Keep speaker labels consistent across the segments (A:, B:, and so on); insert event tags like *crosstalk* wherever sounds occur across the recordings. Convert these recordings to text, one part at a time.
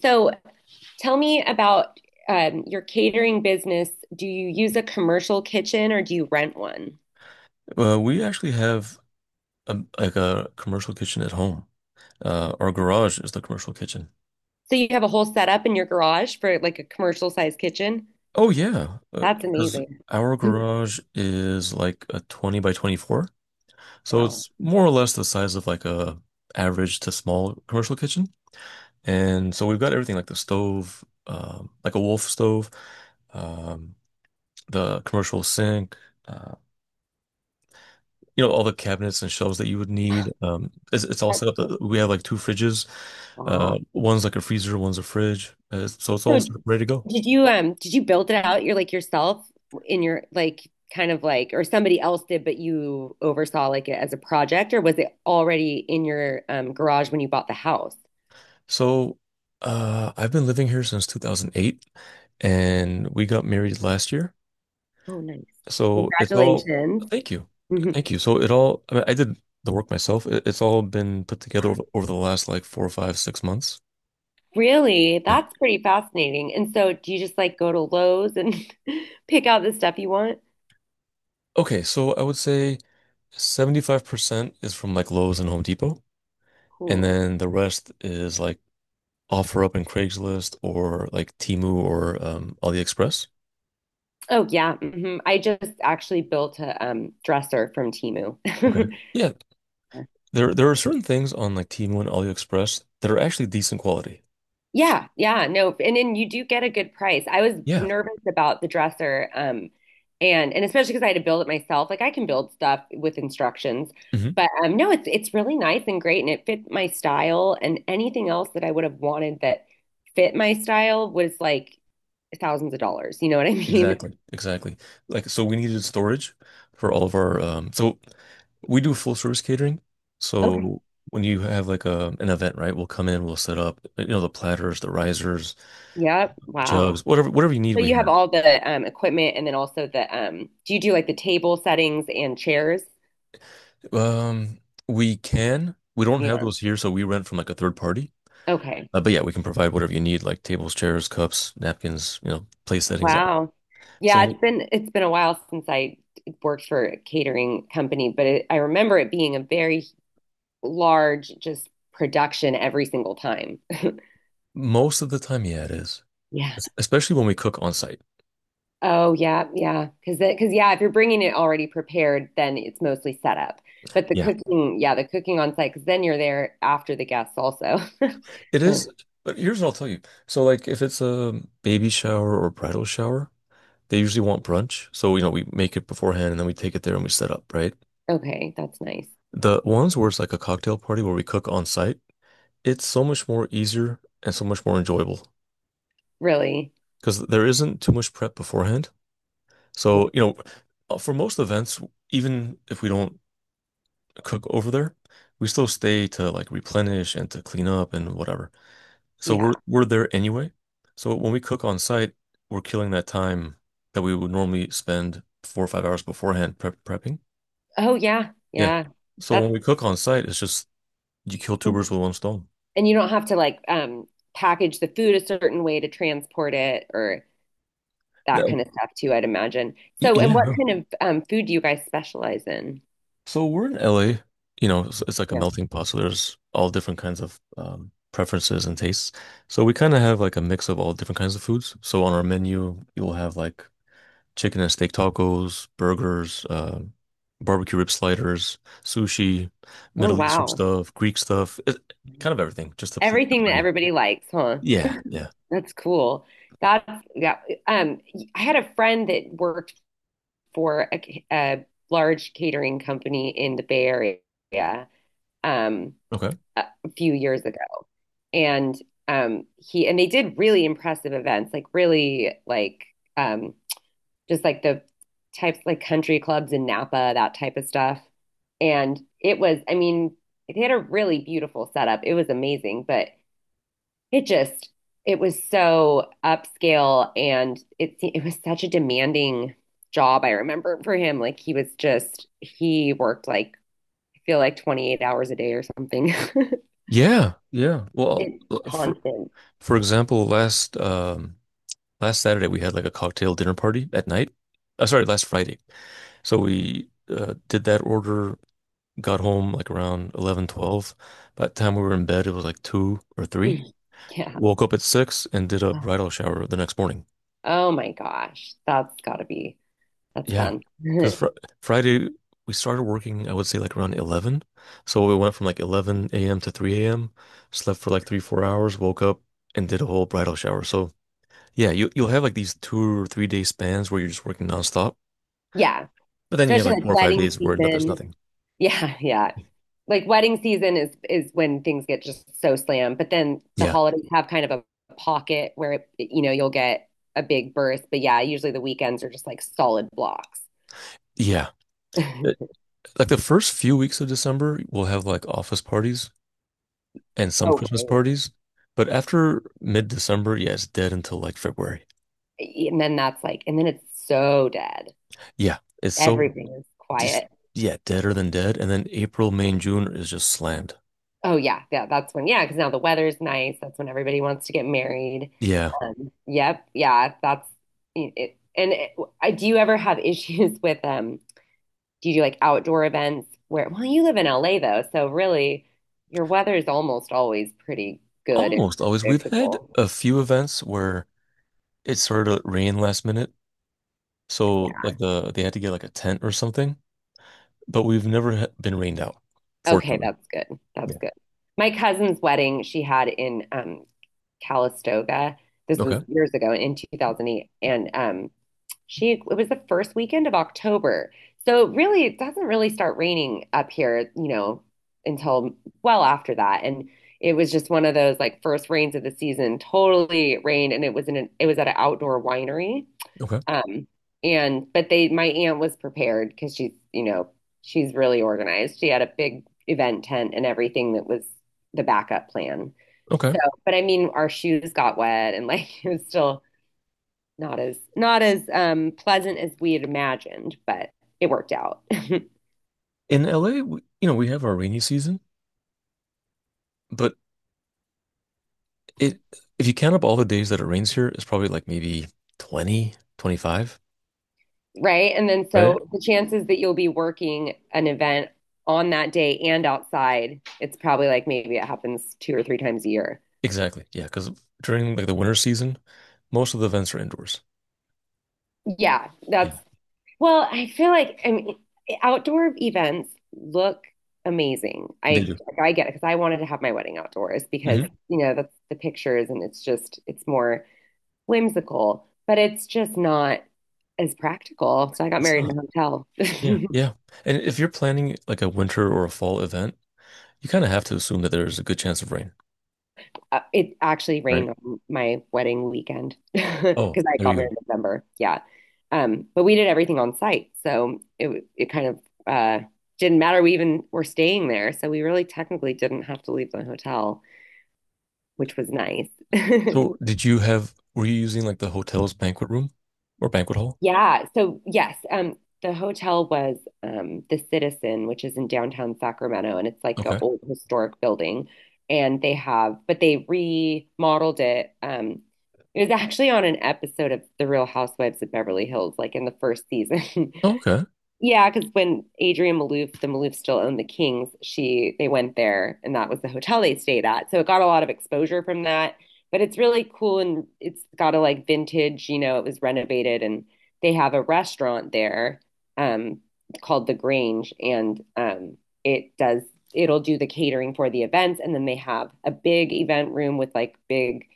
A: So tell me about your catering business. Do you use a commercial kitchen or do you rent one?
B: We actually have a, like a commercial kitchen at home. Our garage is the commercial kitchen.
A: So you have a whole setup in your garage for like a commercial size kitchen?
B: Oh yeah,
A: That's
B: because
A: amazing.
B: our garage is like a 20 by 24. So
A: Wow.
B: it's more or less the size of like a average to small commercial kitchen. And so we've got everything like the stove, like a Wolf stove, um, the commercial sink, uh, you know, all the cabinets and shelves that you would need. It's all
A: That's
B: set up.
A: so
B: We have
A: cool.
B: like two fridges.
A: Wow.
B: One's like a freezer, one's a fridge. So it's all
A: So
B: set up, ready to go.
A: did you build it out? You're like yourself in your like kind of like or somebody else did, but you oversaw like it as a project, or was it already in your garage when you bought the house?
B: So, I've been living here since 2008, and we got married last year.
A: Oh, nice.
B: So it's all,
A: Congratulations.
B: thank you.
A: Mhm.
B: Thank you. So it all, I mean, I did the work myself. It's all been put together over the last like four or five, 6 months.
A: Really?
B: Yeah.
A: That's pretty fascinating. And so do you just like go to Lowe's and *laughs* pick out the stuff you want?
B: Okay, so I would say 75% is from like Lowe's and Home Depot, and
A: Cool.
B: then the rest is like offer up in Craigslist or like Temu or AliExpress.
A: Oh yeah. I just actually built a dresser from Temu.
B: Okay.
A: *laughs*
B: Yeah, there are certain things on like Temu and AliExpress that are actually decent quality.
A: Yeah, yeah, no, and then you do get a good price. I was
B: Yeah.
A: nervous about the dresser, and especially because I had to build it myself. Like I can build stuff with instructions,
B: Hmm.
A: but no, it's really nice and great, and it fit my style. And anything else that I would have wanted that fit my style was like thousands of dollars. You know what I *laughs* mean?
B: Exactly. Exactly. Like so we needed storage for all of our, so we do full service catering.
A: Okay.
B: So when you have like a an event, right, we'll come in, we'll set up, you know, the platters, the risers,
A: Yep. Wow.
B: jugs, whatever you need,
A: So
B: we
A: you
B: have.
A: have all the equipment and then also the do you do like the table settings and chairs?
B: Um, we can. We don't have
A: Yeah.
B: those here, so we rent from like a third party.
A: Okay.
B: But yeah, we can provide whatever you need, like tables, chairs, cups, napkins, you know, place settings, all.
A: Wow. Yeah,
B: So
A: it's been a while since I worked for a catering company, but I remember it being a very large just production every single time. *laughs*
B: most of the time, yeah, it is.
A: Yeah.
B: Especially when we cook on site.
A: Oh yeah, yeah. Because yeah, if you're bringing it already prepared, then it's mostly set up. But the
B: Yeah,
A: cooking, yeah, the cooking on site, because then you're there after the guests also. *laughs*
B: it
A: And it-
B: is. But here's what I'll tell you. So like if it's a baby shower or bridal shower, they usually want brunch. So, you know, we make it beforehand and then we take it there and we set up, right?
A: okay, that's nice.
B: The ones where it's like a cocktail party where we cook on site, it's so much more easier and so much more enjoyable
A: Really?
B: because there isn't too much prep beforehand.
A: Yeah,
B: So, you know, for most events, even if we don't cook over there, we still stay to like replenish and to clean up and whatever. So we're
A: yeah.
B: we're there anyway. So when we cook on site, we're killing that time that we would normally spend 4 or 5 hours beforehand prepping.
A: Oh yeah,
B: Yeah.
A: yeah.
B: So
A: That's
B: when we cook on site, it's just you kill two birds with one stone.
A: and you don't have to like package the food a certain way to transport it or that
B: That-
A: kind of stuff too, I'd imagine. So, and
B: yeah.
A: what
B: No.
A: kind of food do you guys specialize in?
B: So we're in LA, you know, it's like a
A: Yeah.
B: melting pot. So there's all different kinds of preferences and tastes. So we kind of have like a mix of all different kinds of foods. So on our menu, you'll have like chicken and steak tacos, burgers, barbecue rib sliders, sushi,
A: Oh
B: Middle Eastern
A: wow.
B: stuff, Greek stuff, it, kind of everything, just to please
A: Everything that
B: everybody.
A: everybody likes, huh?
B: Yeah, yeah.
A: That's cool. That's yeah. Um, I had a friend that worked for a large catering company in the Bay Area, um,
B: Okay.
A: a few years ago, and he and they did really impressive events, like really like um, just like the types like country clubs in Napa, that type of stuff. And it was, I mean, they had a really beautiful setup. It was amazing, but it just, it was so upscale and it was such a demanding job, I remember for him. Like he was just he worked like I feel like 28 hours a day or something. *laughs*
B: Yeah, yeah. Well,
A: It's
B: l- for
A: constant. *clears throat*
B: for example, last Saturday we had like a cocktail dinner party at night. Sorry, last Friday. So we did that order, got home like around 11, 12. By the time we were in bed, it was like two or three.
A: *laughs* Yeah.
B: Woke up at six and did a bridal shower the next morning.
A: Oh my gosh. That's gotta be that's
B: Yeah.
A: fun. *laughs*
B: Because fr Friday, we started working, I would say like around 11. So we went from like 11 a.m. to 3 a.m., slept for like three, 4 hours, woke up and did a whole bridal shower. So yeah, you'll have like these 2 or 3 day spans where you're just working nonstop.
A: Yeah.
B: But then you have
A: Especially
B: like
A: like
B: four or five
A: wedding
B: days where no, there's
A: season.
B: nothing.
A: Yeah, yeah. Like wedding season is when things get just so slammed. But then the
B: Yeah.
A: holidays have kind of a pocket where you know you'll get a big burst. But yeah, usually the weekends are just like solid blocks.
B: Yeah.
A: *laughs*
B: Like the first few weeks of December, we'll have like office parties and some
A: Oh,
B: Christmas
A: right.
B: parties. But after mid-December, yeah, it's dead until like February.
A: And then it's so dead.
B: Yeah, it's so
A: Everything is
B: just
A: quiet.
B: yeah, deader than dead. And then April, May, and June is just slammed.
A: Oh yeah, yeah. That's when yeah, because now the weather's nice. That's when everybody wants to get married.
B: Yeah,
A: Yep, yeah. That's it. Do you ever have *laughs* issues with Do you do like outdoor events where, well, you live in LA though, so really your weather is almost always pretty good and
B: almost always. We've had
A: predictable.
B: a few events where it started to rain last minute, so
A: Yeah.
B: like they had to get like a tent or something. But we've never been rained out,
A: Okay,
B: fortunately.
A: that's good. That's
B: Yeah.
A: good. My cousin's wedding she had in Calistoga. This was
B: Okay.
A: years ago in 2008 and she, it was the first weekend of October. So really, it doesn't really start raining up here, you know, until well after that. And it was just one of those like first rains of the season, totally rained. And it was it was at an outdoor winery.
B: Okay.
A: Um, and, but they, my aunt was prepared because she's, you know, she's really organized. She had a big event tent and everything that was the backup plan.
B: Okay.
A: So, but I mean, our shoes got wet and like *laughs* it was still, not as pleasant as we had imagined, but it worked out, *laughs*
B: In LA, we have our rainy season. But it if you count up all the days that it rains here, it's probably like maybe 20, 25,
A: right? And then
B: right?
A: so the chances that you'll be working an event on that day and outside, it's probably like maybe it happens two or three times a year.
B: Exactly. Yeah, because during like the winter season, most of the events are indoors.
A: Yeah,
B: Yeah,
A: that's well, I feel like I mean outdoor events look amazing.
B: they do.
A: I get it because I wanted to have my wedding outdoors because,
B: Hmm.
A: you know, that's the pictures and it's more whimsical, but it's just not as practical. So I got
B: It's
A: married in
B: not.
A: a hotel.
B: Yeah,
A: *laughs*
B: yeah. And if you're planning like a winter or a fall event, you kind of have to assume that there's a good chance of rain,
A: It actually rained
B: right?
A: on my wedding weekend *laughs*
B: Oh,
A: because I
B: there
A: got
B: you
A: married in
B: go.
A: November. Yeah. But we did everything on site. So it kind of uh didn't matter. We even were staying there. So we really technically didn't have to leave the hotel, which was nice.
B: So did you have, were you using like the hotel's banquet room or banquet hall?
A: Yeah. So yes, the hotel was the Citizen, which is in downtown Sacramento, and it's like an
B: Okay.
A: old historic building. And they have, but they remodeled it. It was actually on an episode of The Real Housewives of Beverly Hills, like in the first season. *laughs*
B: Oh, okay.
A: Yeah, because when Adrian Malouf, the Maloufs still owned the Kings, she they went there and that was the hotel they stayed at. So it got a lot of exposure from that. But it's really cool and it's got a like vintage, you know, it was renovated and they have a restaurant there um called The Grange and it does it'll do the catering for the events and then they have a big event room with like big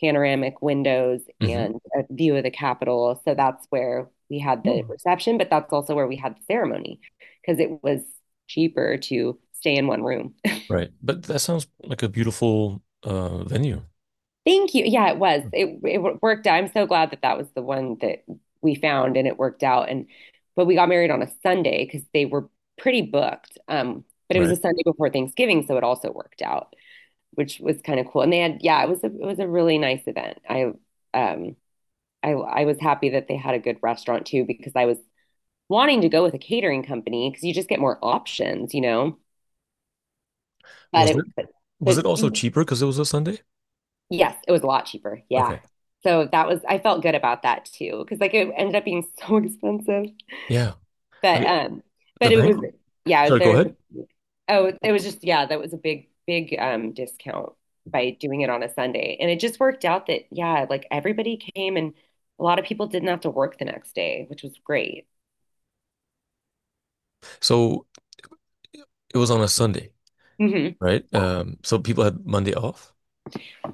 A: panoramic windows
B: Hmm.
A: and a view of the Capitol. So that's where we had the
B: Oh.
A: reception, but that's also where we had the ceremony because it was cheaper to stay in one room.
B: Right. But that sounds like a beautiful venue,
A: *laughs* Thank you. Yeah, it was. It worked out. I'm so glad that that was the one that we found and it worked out. And but we got married on a Sunday because they were pretty booked. But it was a
B: right?
A: Sunday before Thanksgiving, so it also worked out, which was kind of cool. And they had yeah, it was a really nice event. Um I was happy that they had a good restaurant too because I was wanting to go with a catering company because you just get more options, you know. But
B: Was it
A: it
B: was
A: but
B: it also cheaper because it was a Sunday?
A: yes, it was a lot cheaper. Yeah.
B: Okay.
A: So that was I felt good about that too because like it ended up being *laughs* so expensive.
B: Yeah. I
A: But
B: mean,
A: um
B: the
A: but it
B: bank.
A: was yeah,
B: Sorry, go
A: there was
B: ahead.
A: oh it was just yeah, that was a big discount by doing it on a Sunday. And it just worked out that yeah, like everybody came and a lot of people didn't have to work the next day, which was great.
B: So it was on a Sunday,
A: hmm
B: right? So people had Monday off.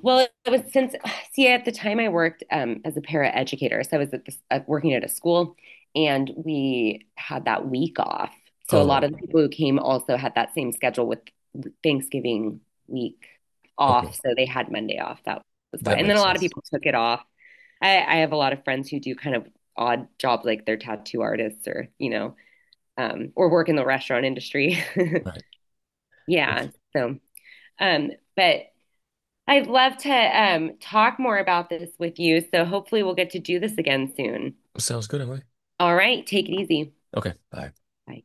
A: Well, it was since, *sighs* see, at the time I worked as a para educator. So I was at this, working at a school and we had that week off. So a lot
B: Oh,
A: of the people who came also had that same schedule with Thanksgiving week
B: okay.
A: off. So they had Monday off. That was why.
B: That
A: And then a
B: makes
A: lot of
B: sense.
A: people took it off. I have a lot of friends who do kind of odd jobs like they're tattoo artists or, you know, or work in the restaurant industry.
B: Right.
A: *laughs* yeah. So, um, but I'd love to talk more about this with you, so hopefully we'll get to do this again soon.
B: Sounds good, Emily.
A: All right, take it easy.
B: Okay. Bye.
A: Bye.